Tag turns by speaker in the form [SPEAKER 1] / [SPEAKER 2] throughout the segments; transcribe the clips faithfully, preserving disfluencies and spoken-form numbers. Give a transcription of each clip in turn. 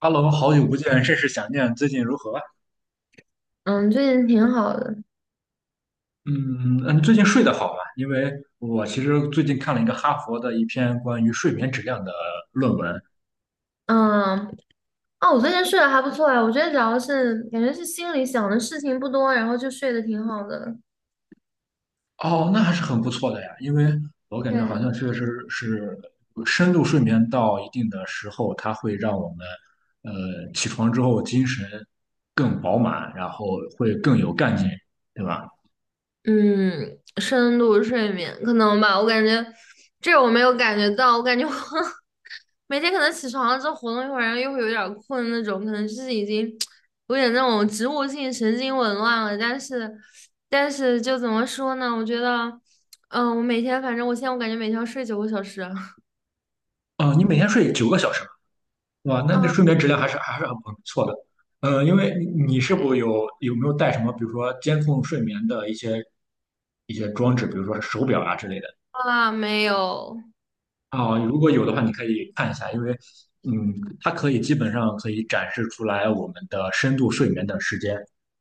[SPEAKER 1] h e 好久不见，甚是想念。最近如何？
[SPEAKER 2] 嗯，最近挺好的。
[SPEAKER 1] 嗯嗯，最近睡得好吗？因为我其实最近看了一个哈佛的一篇关于睡眠质量的论文。
[SPEAKER 2] 嗯，哦，我最近睡得还不错啊，我觉得主要是感觉是心里想的事情不多，然后就睡得挺好的。
[SPEAKER 1] 哦，那还是很不错的呀，因为我感觉好
[SPEAKER 2] 对，
[SPEAKER 1] 像确实是深度睡眠到一定的时候，它会让我们呃起床之后精神更饱满，然后会更有干劲，对吧？
[SPEAKER 2] 嗯，深度睡眠可能吧，我感觉这我没有感觉到，我感觉我 每天可能起床了之后活动一会儿，然后又会有点儿困那种，可能就是已经有点那种植物性神经紊乱了。但是，但是就怎么说呢？我觉得，嗯，我每天反正我现在我感觉每天要睡九个小时
[SPEAKER 1] 哦，你每天睡九个小时吗？哇，那那
[SPEAKER 2] 啊。
[SPEAKER 1] 睡眠质量还是还是很不错的。嗯，因为你你是
[SPEAKER 2] 对
[SPEAKER 1] 否有有没有带什么，比如说监控睡眠的一些一些装置，比如说是手表啊之类的
[SPEAKER 2] 啊，没有
[SPEAKER 1] 啊？如果有的话，你可以看一下，因为嗯，它可以基本上可以展示出来我们的深度睡眠的时间。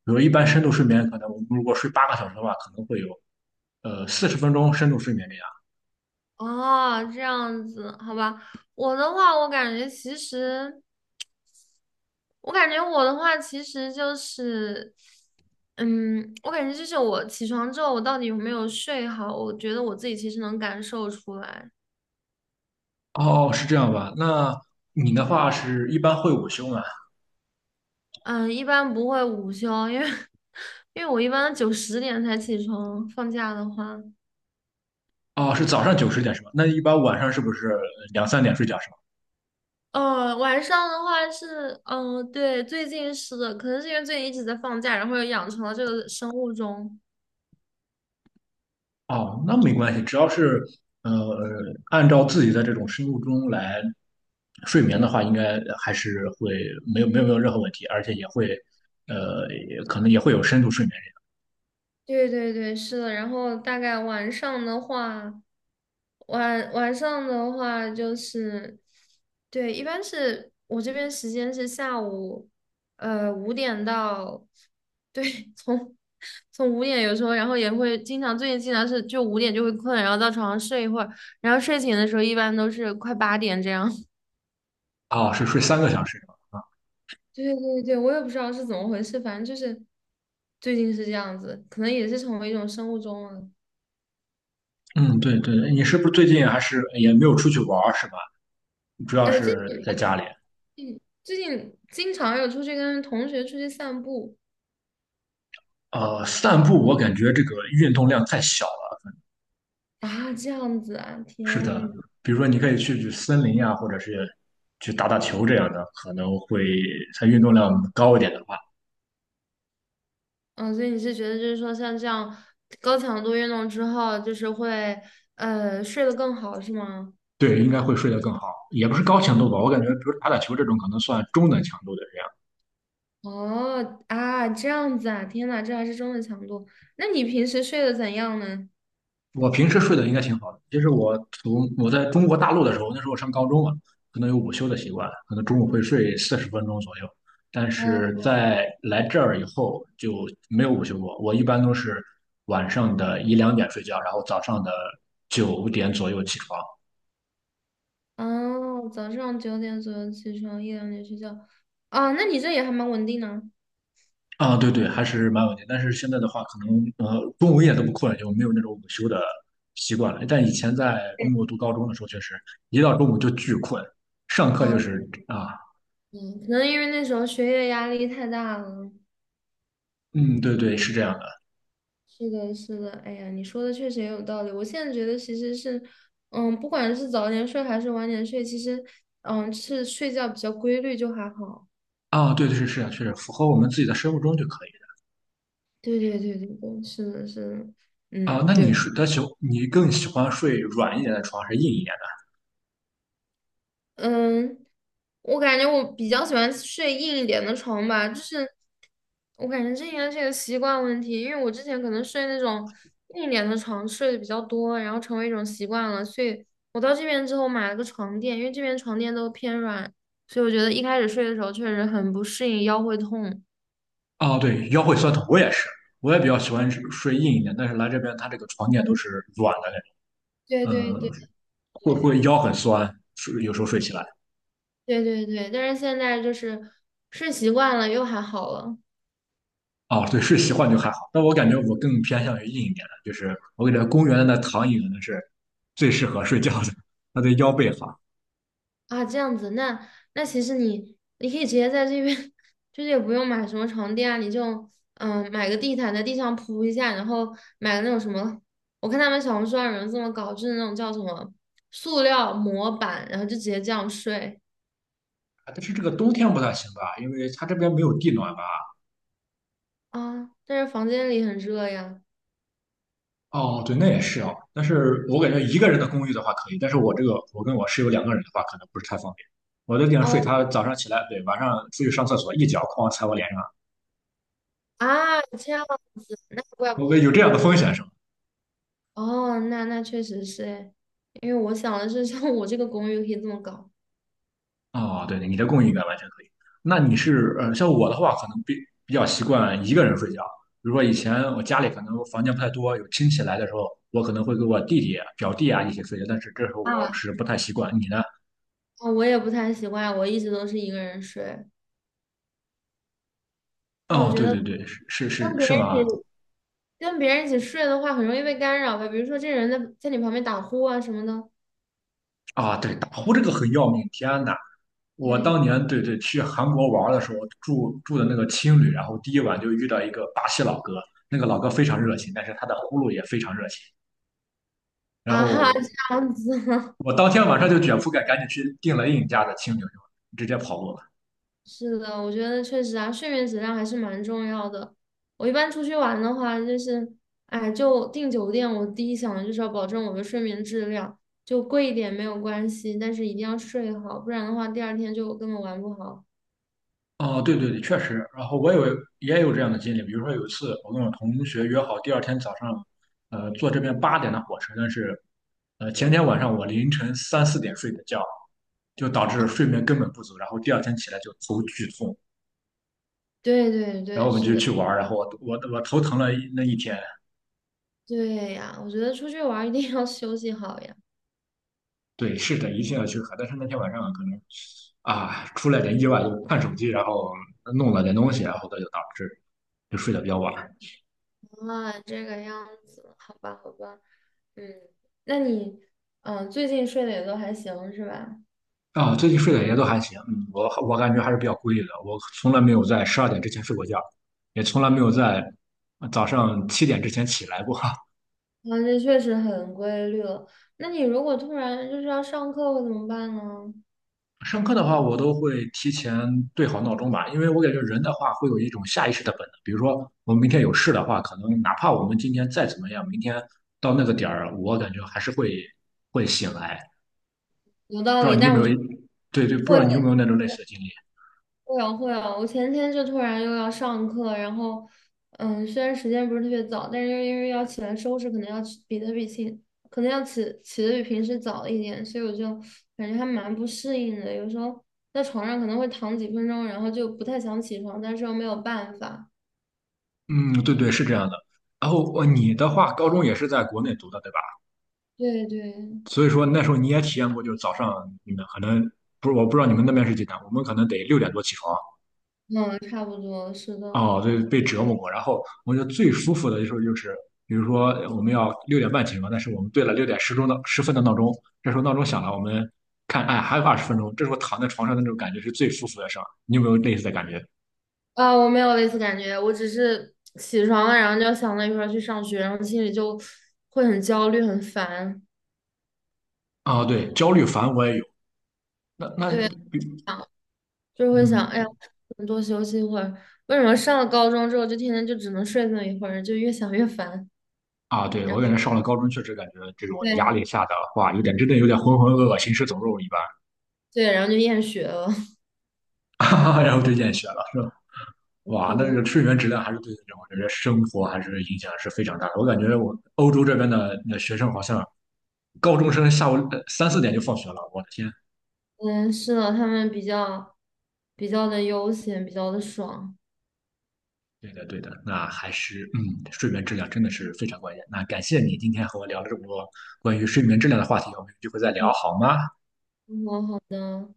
[SPEAKER 1] 比如一般深度睡眠，可能我们如果睡八个小时的话，可能会有呃四十分钟深度睡眠这样。
[SPEAKER 2] 哦，这样子，好吧。我的话，我感觉其实，我感觉我的话其实就是，嗯，我感觉就是我起床之后，我到底有没有睡好，我觉得我自己其实能感受出来。
[SPEAKER 1] 哦，是这样吧？那你的
[SPEAKER 2] 嗯，
[SPEAKER 1] 话是一般会午休吗？
[SPEAKER 2] 嗯，一般不会午休，因为 因为我一般九十点才起床，放假的话。
[SPEAKER 1] 哦，是早上九十点是吧？那一般晚上是不是两三点睡觉是吧？
[SPEAKER 2] 呃，晚上的话是，嗯、对，最近是的，可能是因为最近一直在放假，然后又养成了这个生物钟。
[SPEAKER 1] 哦，那没关系，只要是呃按照自己的这种生物钟来睡眠的话，应该还是会没有没有没有任何问题，而且也会呃也可能也会有深度睡眠。
[SPEAKER 2] 对对对，是的。然后大概晚上的话，晚晚上的话就是，对，一般是我这边时间是下午，呃，五点到，对，从从五点有时候，然后也会经常，最近经常是就五点就会困，然后到床上睡一会儿，然后睡醒的时候一般都是快八点这样。
[SPEAKER 1] 啊，是睡三个小时是吧？
[SPEAKER 2] 对对对，我也不知道是怎么回事，反正就是最近是这样子，可能也是成为一种生物钟了。
[SPEAKER 1] 嗯，对对，你是不是最近还是也没有出去玩儿是吧？主要
[SPEAKER 2] 呃，这。
[SPEAKER 1] 是在家里。
[SPEAKER 2] 最近经常有出去跟同学出去散步
[SPEAKER 1] 呃，散步我感觉这个运动量太小
[SPEAKER 2] 啊，这样子啊，
[SPEAKER 1] 是的，
[SPEAKER 2] 天呐，
[SPEAKER 1] 比如说你可以去去森林呀，或者是去打打球这样的，可能会它运动量高一点的话，
[SPEAKER 2] 嗯，所以你是觉得就是说像这样高强度运动之后，就是会呃睡得更好是吗？
[SPEAKER 1] 对，应该会睡得更好。也不是高强度吧，我感觉比如打打球这种可能算中等强度的这样。
[SPEAKER 2] 哦啊，这样子啊，天呐，这还是中等强度。那你平时睡得怎样呢？
[SPEAKER 1] 我平时睡得应该挺好的，其实我从我在中国大陆的时候，那时候上高中嘛，可能有午休的习惯，可能中午会睡四十分钟左右。但是
[SPEAKER 2] 哦
[SPEAKER 1] 在来这儿以后就没有午休过，我一般都是晚上的一两点睡觉，然后早上的九点左右起床。
[SPEAKER 2] 哦，早上九点左右起床，一两点睡觉。啊，那你这也还蛮稳定呢。
[SPEAKER 1] 啊，对对，还是蛮稳定。但是现在的话，可能呃，中午一点都不困了就没有那种午休的习惯了。但以前在中国读高中的时候，确实一到中午就巨困，上课
[SPEAKER 2] 啊，
[SPEAKER 1] 就是啊，
[SPEAKER 2] 嗯，可能因为那时候学业压力太大了。
[SPEAKER 1] 嗯，对对，是这样的
[SPEAKER 2] 是的，是的，哎呀，你说的确实也有道理。我现在觉得其实是，嗯，不管是早点睡还是晚点睡，其实，嗯，是睡觉比较规律就还好。
[SPEAKER 1] 啊，对对是是啊，确实符合我们自己的生物钟就可以
[SPEAKER 2] 对对对对对，是的，是的，
[SPEAKER 1] 了啊。
[SPEAKER 2] 嗯，
[SPEAKER 1] 那你
[SPEAKER 2] 对。
[SPEAKER 1] 睡他喜，你更喜欢睡软一点的床还是硬一点
[SPEAKER 2] 嗯，我感觉我比较喜欢睡硬一点的床吧，就是我感觉这应该是一个习惯问题，因为我之前可能睡那种硬一点的床睡的比较多，然后成为一种习惯了，所以我到这边之后买了个床垫，因为这边床垫都偏软，所以我觉得一开始睡的时候确实很不适应，腰会痛。
[SPEAKER 1] 的？啊，对，腰会酸疼，我也是，我也比较喜欢睡硬一点，但是来这边它这个床垫都是软的那
[SPEAKER 2] 对
[SPEAKER 1] 种，
[SPEAKER 2] 对对
[SPEAKER 1] 嗯，会会
[SPEAKER 2] 对
[SPEAKER 1] 腰很酸，睡有时候睡起来。
[SPEAKER 2] 对对对，但是现在就是睡习惯了，又还好了。
[SPEAKER 1] 哦，对，是习惯就还好，但我感觉我更偏向于硬一点的，就是我感觉公园的那躺椅可能是最适合睡觉的，它对腰背好。啊，
[SPEAKER 2] 啊，这样子，那那其实你你可以直接在这边，就是也不用买什么床垫啊，你就嗯买个地毯在地上铺一下，然后买个那种什么，我看他们小红书上有人这么搞，就是那种叫什么塑料模板，然后就直接这样睡
[SPEAKER 1] 但是这个冬天不太行吧，因为它这边没有地暖吧？
[SPEAKER 2] 啊，但是房间里很热呀。
[SPEAKER 1] 哦，对，那也是哦。但是我感觉一个人的公寓的话可以，但是我这个我跟我室友两个人的话，可能不是太方便。我在地上睡，
[SPEAKER 2] 哦
[SPEAKER 1] 他早上起来，对，晚上出去上厕所，一脚哐踩我脸上，
[SPEAKER 2] 啊，这样子，那怪不得
[SPEAKER 1] 我有这样的风险是吗？
[SPEAKER 2] 哦，那那确实是诶，因为我想的是 像我这个公寓可以这么搞
[SPEAKER 1] 哦，对对，你的供应应该完全可以。那你是呃，像我的话，可能比比较习惯一个人睡觉。比如说以前我家里可能房间不太多，有亲戚来的时候，我可能会跟我弟弟啊、表弟啊一起睡觉，但是这时候我
[SPEAKER 2] 啊，
[SPEAKER 1] 是不太习惯。你呢？
[SPEAKER 2] 啊我也不太习惯，我一直都是一个人睡。那我
[SPEAKER 1] 哦，
[SPEAKER 2] 觉
[SPEAKER 1] 对
[SPEAKER 2] 得。
[SPEAKER 1] 对对，是是
[SPEAKER 2] 跟
[SPEAKER 1] 是是
[SPEAKER 2] 别
[SPEAKER 1] 吗？
[SPEAKER 2] 人一起跟别人一起睡的话，很容易被干扰吧？比如说这人在在你旁边打呼啊什么的。
[SPEAKER 1] 啊，对，打呼这个很要命，天呐，我
[SPEAKER 2] 对
[SPEAKER 1] 当年对对去韩国玩儿的时候住住的那个青旅，然后第一晚就遇到一个巴西老哥，那个老哥非常热情，但是他的呼噜也非常热情。然
[SPEAKER 2] 啊哈，
[SPEAKER 1] 后
[SPEAKER 2] 这样子
[SPEAKER 1] 我当天晚上就卷铺盖赶紧去订了另一家的青酒，就直接跑路了。
[SPEAKER 2] 是的，我觉得确实啊，睡眠质量还是蛮重要的。我一般出去玩的话，就是哎，就订酒店，我第一想的就是要保证我的睡眠质量，就贵一点没有关系，但是一定要睡好，不然的话第二天就根本玩不好。
[SPEAKER 1] 哦，对对对，确实。然后我有也有这样的经历，比如说有一次我跟我同学约好第二天早上，呃，坐这边八点的火车，但是呃前天晚上我凌晨三四点睡的觉，就导致睡眠根本不足，然后第二天起来就头剧痛，
[SPEAKER 2] 对对
[SPEAKER 1] 然后
[SPEAKER 2] 对，
[SPEAKER 1] 我们
[SPEAKER 2] 是
[SPEAKER 1] 就
[SPEAKER 2] 的，
[SPEAKER 1] 去玩儿然后我我我头疼了一那一天，
[SPEAKER 2] 对呀，我觉得出去玩儿一定要 休息好呀。
[SPEAKER 1] 对，是的，一定要去喝。但是那天晚上可能啊，出了点意外，就看手机，然后弄了点东西，然后这就导致就睡得比较晚。
[SPEAKER 2] 啊，这个样子，好吧，好吧，嗯，那你，嗯，最近睡的也都还行是吧？
[SPEAKER 1] 啊、最近睡得也都还行，嗯，我我感觉还是比较规律的。我从来没有在十二点之前睡过觉，也从来没有在早上七点之前起来过。
[SPEAKER 2] 啊，这确实很规律了。那你如果突然就是要上课会怎么办呢？
[SPEAKER 1] 上课的话，我都会提前对好闹钟吧，因为我感觉人的话会有一种下意识的本能，比如说我们明天有事的话，可能哪怕我们今天再怎么样，明天到那个点儿，我感觉还是会会醒来。
[SPEAKER 2] 有道
[SPEAKER 1] 不知道
[SPEAKER 2] 理，
[SPEAKER 1] 你有
[SPEAKER 2] 但
[SPEAKER 1] 没
[SPEAKER 2] 我
[SPEAKER 1] 有，
[SPEAKER 2] 觉得
[SPEAKER 1] 对对，不知
[SPEAKER 2] 会
[SPEAKER 1] 道你有没有那种类似的经历？
[SPEAKER 2] 会啊会啊，我前天就突然又要上课，然后，嗯，虽然时间不是特别早，但是因为要起来收拾，可能要起比特比起，可能要起起的比平时早一点，所以我就感觉还蛮不适应的。有时候在床上可能会躺几分钟，然后就不太想起床，但是又没有办法。
[SPEAKER 1] 嗯，对对，是这样的。然后呃你的话，高中也是在国内读的，对吧？
[SPEAKER 2] 对对，
[SPEAKER 1] 所以说那时候你也体验过，就是早上你们可能不是，我不知道你们那边是几点，我们可能得六点多起床，
[SPEAKER 2] 嗯，差不多是的。
[SPEAKER 1] 哦，对，被折磨过。然后我觉得最舒服的时候就是，比如说我们要六点半起床，但是我们对了六点十钟的十分的闹钟，这时候闹钟响了，我们看，哎，还有二十分钟，这时候躺在床上的那种感觉是最舒服的事儿。你有没有类似的感觉？
[SPEAKER 2] 啊，我没有类似感觉，我只是起床了，然后就想着一会儿去上学，然后心里就会很焦虑、很烦。
[SPEAKER 1] 啊，对，焦虑烦我也有。那那
[SPEAKER 2] 对。
[SPEAKER 1] 比
[SPEAKER 2] 就会想，哎呀，
[SPEAKER 1] 嗯
[SPEAKER 2] 能多休息一会儿。为什么上了高中之后就天天就只能睡那么一会儿，就越想越烦，
[SPEAKER 1] 啊，对
[SPEAKER 2] 然
[SPEAKER 1] 我
[SPEAKER 2] 后
[SPEAKER 1] 感觉上了高中确实感觉这种
[SPEAKER 2] 对
[SPEAKER 1] 压力下的话，有点真的有点浑浑噩噩、行尸走肉一般，
[SPEAKER 2] 对，然后就厌学了。
[SPEAKER 1] 然后就厌学了。哇，那这
[SPEAKER 2] 嗯，
[SPEAKER 1] 个睡眠质量还是对人我觉得生活还是影响是非常大的。我感觉我欧洲这边的那学生好像高中生下午呃三四点就放学了，我的天！
[SPEAKER 2] 嗯是的，他们比较比较的悠闲，比较的爽。
[SPEAKER 1] 对的，对的，那还是嗯，睡眠质量真的是非常关键。那感谢你今天和我聊了这么多关于睡眠质量的话题，我们有机会再聊
[SPEAKER 2] 嗯，
[SPEAKER 1] 好吗？
[SPEAKER 2] 好好的。